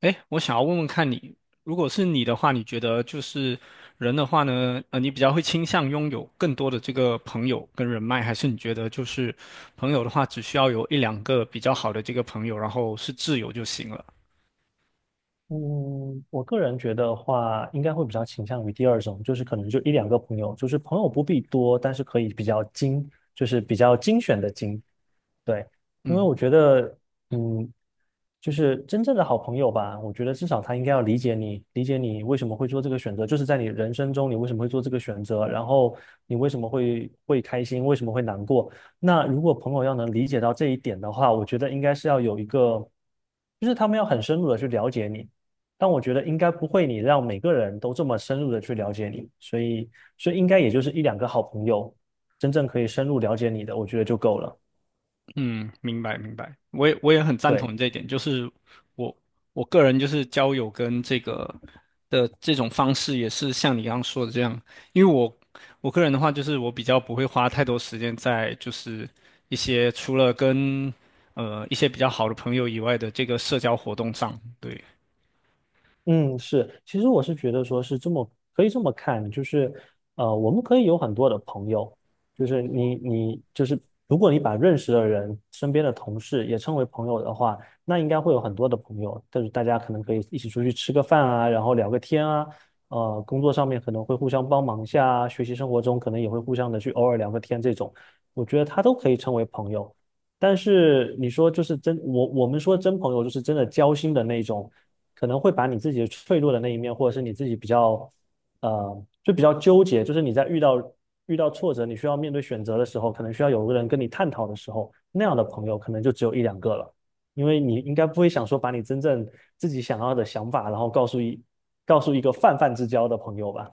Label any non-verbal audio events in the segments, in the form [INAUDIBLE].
哎，我想要问问看你，如果是你的话，你觉得就是人的话呢，你比较会倾向拥有更多的这个朋友跟人脉，还是你觉得就是朋友的话，只需要有一两个比较好的这个朋友，然后是挚友就行了？嗯，我个人觉得话，应该会比较倾向于第二种，就是可能就一两个朋友，就是朋友不必多，但是可以比较精，就是比较精选的精，对，因为嗯。我觉得，嗯，就是真正的好朋友吧，我觉得至少他应该要理解你，理解你为什么会做这个选择，就是在你人生中你为什么会做这个选择，然后你为什么会开心，为什么会难过。那如果朋友要能理解到这一点的话，我觉得应该是要有一个，就是他们要很深入的去了解你。但我觉得应该不会，你让每个人都这么深入的去了解你，所以应该也就是一两个好朋友真正可以深入了解你的，我觉得就够了。嗯，明白明白，我也很赞对。同这一点，就是我我个人就是交友跟这个的这种方式也是像你刚刚说的这样，因为我个人的话就是我比较不会花太多时间在就是一些除了跟一些比较好的朋友以外的这个社交活动上，对。嗯，是，其实我是觉得说是这么可以这么看，就是我们可以有很多的朋友，就是你就是如果你把认识的人、身边的同事也称为朋友的话，那应该会有很多的朋友，但是大家可能可以一起出去吃个饭啊，然后聊个天啊，工作上面可能会互相帮忙一下啊，学习生活中可能也会互相的去偶尔聊个天这种，我觉得他都可以称为朋友。但是你说就是真，我们说真朋友就是真的交心的那种。可能会把你自己脆弱的那一面，或者是你自己比较，就比较纠结，就是你在遇到遇到挫折，你需要面对选择的时候，可能需要有个人跟你探讨的时候，那样的朋友可能就只有一两个了，因为你应该不会想说把你真正自己想要的想法，然后告诉一个泛泛之交的朋友吧？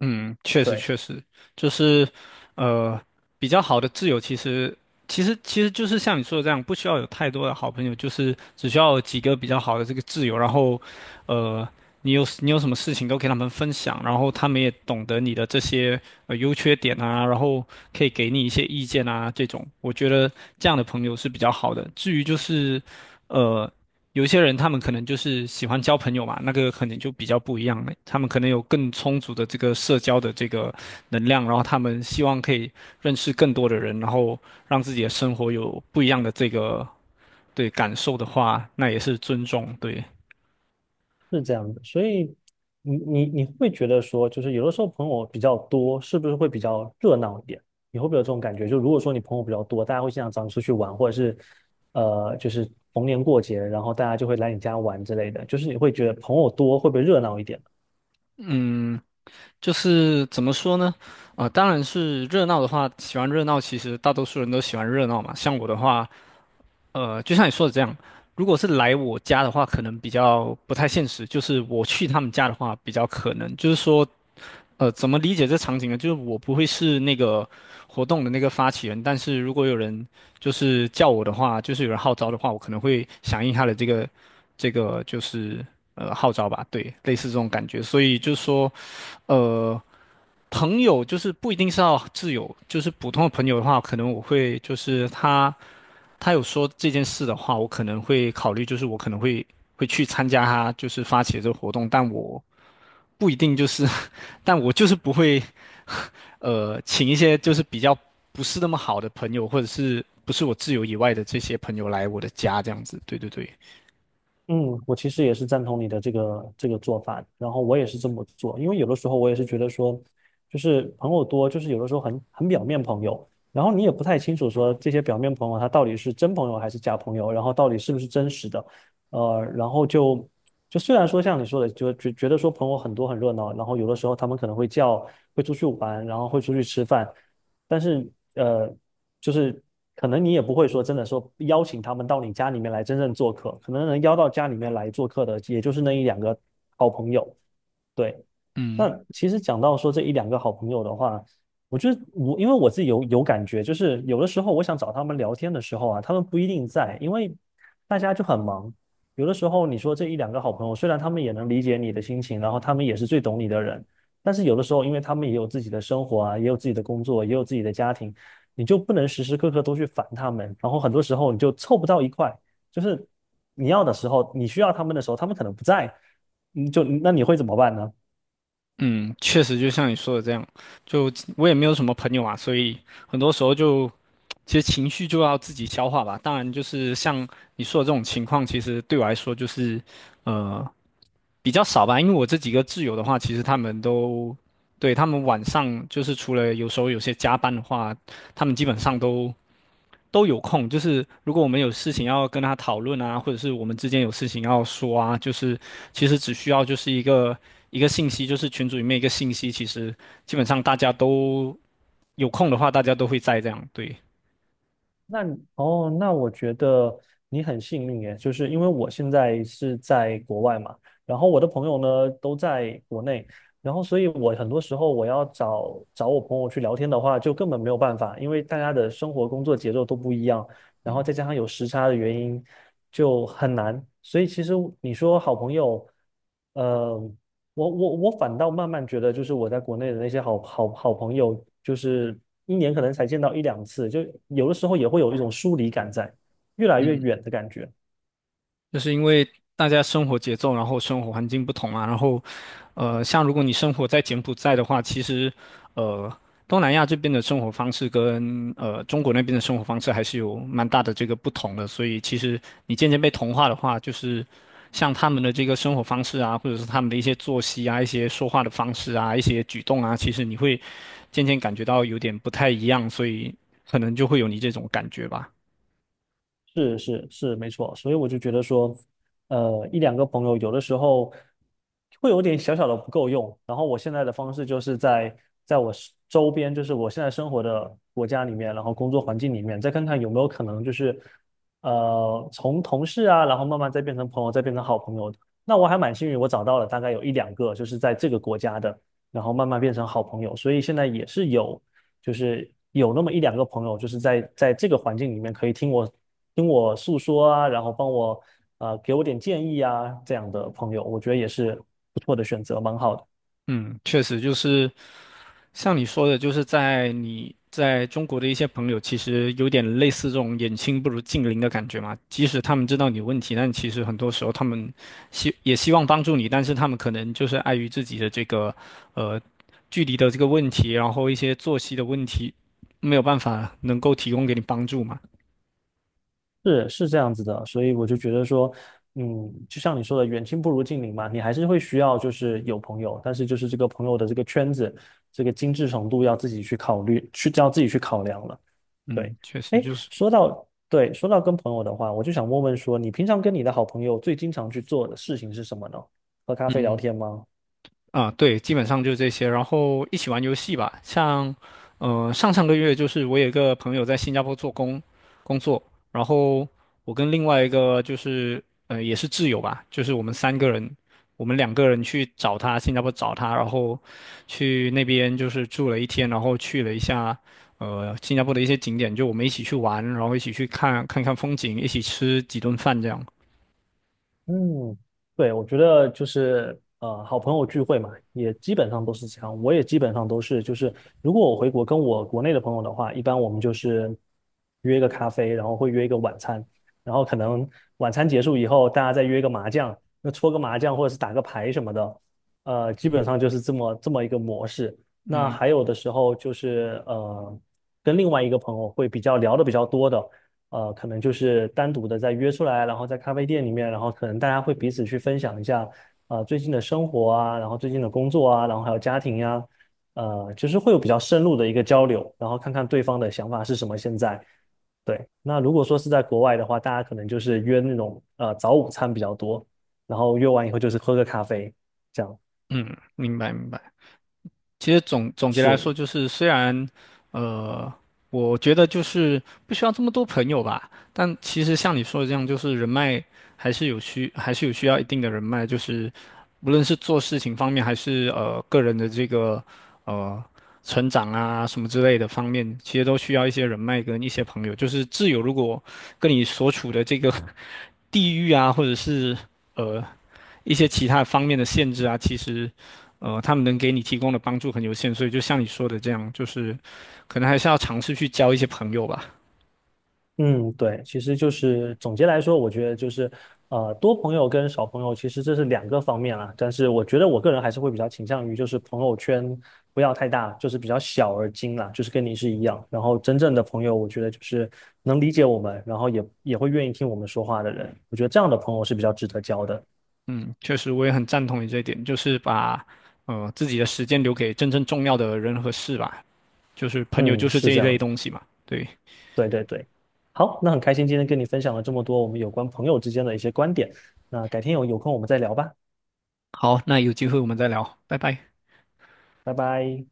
嗯，确实对。确实，就是呃，比较好的挚友其实就是像你说的这样，不需要有太多的好朋友，就是只需要有几个比较好的这个挚友，然后呃，你有什么事情都给他们分享，然后他们也懂得你的这些优缺点啊，然后可以给你一些意见啊，这种我觉得这样的朋友是比较好的。至于就是。呃。有些人他们可能就是喜欢交朋友嘛，那个可能就比较不一样了。他们可能有更充足的这个社交的这个能量，然后他们希望可以认识更多的人，然后让自己的生活有不一样的这个对感受的话，那也是尊重。对，是这样的，所以你会觉得说，就是有的时候朋友比较多，是不是会比较热闹一点？你会不会有这种感觉？就如果说你朋友比较多，大家会经常找你出去玩，或者是就是逢年过节，然后大家就会来你家玩之类的，就是你会觉得朋友多会不会热闹一点？嗯，就是怎么说呢？啊、当然是热闹的话，喜欢热闹，其实大多数人都喜欢热闹嘛。像我的话。就像你说的这样，如果是来我家的话，可能比较不太现实；就是我去他们家的话，比较可能。就是说，怎么理解这场景呢？就是我不会是那个活动的那个发起人，但是如果有人就是叫我的话，就是有人号召的话，我可能会响应他的这个这个就是号召吧，对，类似这种感觉。所以就是说，呃。朋友就是不一定是要挚友，就是普通的朋友的话，可能我会就是他有说这件事的话，我可能会考虑，就是我可能会去参加他就是发起的这个活动，但我不一定就是，[LAUGHS] 但我就是不会请一些就是比较不是那么好的朋友，或者是不是我挚友以外的这些朋友来我的家这样子。对对对，嗯，我其实也是赞同你的这个做法，然后我也是这么做，因为有的时候我也是觉得说，就是朋友多，就是有的时候很表面朋友，然后你也不太清楚说这些表面朋友他到底是真朋友还是假朋友，然后到底是不是真实的，然后就虽然说像你说的，就觉得说朋友很多很热闹，然后有的时候他们可能会叫，会出去玩，然后会出去吃饭，但是呃，就是可能你也不会说真的说邀请他们到你家里面来真正做客，可能能邀到家里面来做客的，也就是那一两个好朋友。对，嗯那其实讲到说这一两个好朋友的话，我觉得我因为我自己有感觉，就是有的时候我想找他们聊天的时候啊，他们不一定在，因为大家就很忙。有的时候你说这一两个好朋友，虽然他们也能理解你的心情，然后他们也是最懂你的人，但是有的时候，因为他们也有自己的生活啊，也有自己的工作，也有自己的家庭，你就不能时时刻刻都去烦他们，然后很多时候你就凑不到一块，就是你要的时候，你需要他们的时候，他们可能不在，你就那你会怎么办呢？嗯，确实就像你说的这样，就我也没有什么朋友啊，所以很多时候就其实情绪就要自己消化吧。当然，就是像你说的这种情况，其实对我来说就是，呃，比较少吧。因为我这几个挚友的话，其实他们都，对，他们晚上就是除了有时候有些加班的话，他们基本上都有空。就是如果我们有事情要跟他讨论啊，或者是我们之间有事情要说啊，就是其实只需要就是一个信息，就是群组里面一个信息，其实基本上大家都有空的话，大家都会在这样，对。那我觉得你很幸运耶，就是因为我现在是在国外嘛，然后我的朋友呢都在国内，然后所以我很多时候我要找我朋友去聊天的话，就根本没有办法，因为大家的生活工作节奏都不一样，然后再加上有时差的原因，就很难。所以其实你说好朋友，呃，我反倒慢慢觉得，就是我在国内的那些好朋友，就是一年可能才见到一两次，就有的时候也会有一种疏离感在，越来越远的感觉。就是因为大家生活节奏，然后生活环境不同嘛，然后，像如果你生活在柬埔寨的话，其实，呃，东南亚这边的生活方式跟中国那边的生活方式还是有蛮大的这个不同的，所以其实你渐渐被同化的话，就是像他们的这个生活方式啊，或者是他们的一些作息啊、一些说话的方式啊、一些举动啊，其实你会渐渐感觉到有点不太一样，所以可能就会有你这种感觉吧。是是是，没错。所以我就觉得说，一两个朋友有的时候会有点小小的不够用。然后我现在的方式就是在我是周边，就是我现在生活的国家里面，然后工作环境里面，再看看有没有可能就是，从同事啊，然后慢慢再变成朋友，再变成好朋友的那我还蛮幸运，我找到了大概有一两个，就是在这个国家的，然后慢慢变成好朋友。所以现在也是有。就是有那么一两个朋友，就是在这个环境里面可以听我听我诉说啊，然后帮我给我点建议啊，这样的朋友，我觉得也是不错的选择，蛮好的。嗯，确实就是。像你说的，就是在你在中国的一些朋友，其实有点类似这种远亲不如近邻的感觉嘛。即使他们知道你有问题，但其实很多时候他们希也希望帮助你，但是他们可能就是碍于自己的这个呃距离的这个问题，然后一些作息的问题，没有办法能够提供给你帮助嘛。是是这样子的，所以我就觉得说，嗯，就像你说的，远亲不如近邻嘛，你还是会需要就是有朋友，但是就是这个朋友的这个圈子，这个精致程度要自己去考虑，要自己去考量了。对，嗯，确实哎，就是，说到跟朋友的话，我就想问问说，你平常跟你的好朋友最经常去做的事情是什么呢？喝咖啡聊嗯。天吗？啊，对，基本上就这些，然后一起玩游戏吧。像，上上个月就是我有一个朋友在新加坡工作，然后我跟另外一个就是也是挚友吧，就是我们三个人，我们两个人去找他，新加坡找他，然后去那边就是住了一天，然后去了一下新加坡的一些景点，就我们一起去玩，然后一起去看看风景，一起吃几顿饭这样。嗯，对，我觉得就是好朋友聚会嘛，也基本上都是这样。我也基本上都是，就是如果我回国跟我国内的朋友的话，一般我们就是约一个咖啡，然后会约一个晚餐，然后可能晚餐结束以后，大家再约一个麻将，那搓个麻将或者是打个牌什么的，基本上就是这么一个模式。那嗯还有的时候就是跟另外一个朋友会比较聊的比较多的。可能就是单独的再约出来，然后在咖啡店里面，然后可能大家会彼此去分享一下啊，最近的生活啊，然后最近的工作啊，然后还有家庭呀、就是会有比较深入的一个交流，然后看看对方的想法是什么现在。对，那如果说是在国外的话，大家可能就是约那种早午餐比较多，然后约完以后就是喝个咖啡，这样嗯，明白明白。其实总结来说，是。就是虽然，呃，我觉得就是不需要这么多朋友吧，但其实像你说的这样，就是人脉还是有需要一定的人脉，就是无论是做事情方面，还是个人的这个呃成长啊什么之类的方面，其实都需要一些人脉跟一些朋友。就是挚友如果跟你所处的这个 [LAUGHS] 地域啊，或者是呃一些其他方面的限制啊，其实，他们能给你提供的帮助很有限，所以就像你说的这样，就是可能还是要尝试去交一些朋友吧。嗯，对，其实就是总结来说，我觉得就是，多朋友跟少朋友，其实这是两个方面啦。但是我觉得我个人还是会比较倾向于，就是朋友圈不要太大，就是比较小而精啦，就是跟你是一样。然后真正的朋友，我觉得就是能理解我们，然后也会愿意听我们说话的人。我觉得这样的朋友是比较值得交的。嗯，确实，我也很赞同你这一点，就是把自己的时间留给真正重要的人和事吧，就是朋友就嗯，是是这一这类样子。东西嘛。对，对对对。好，那很开心今天跟你分享了这么多我们有关朋友之间的一些观点。那改天有空我们再聊吧，好，那有机会我们再聊，拜拜。拜拜。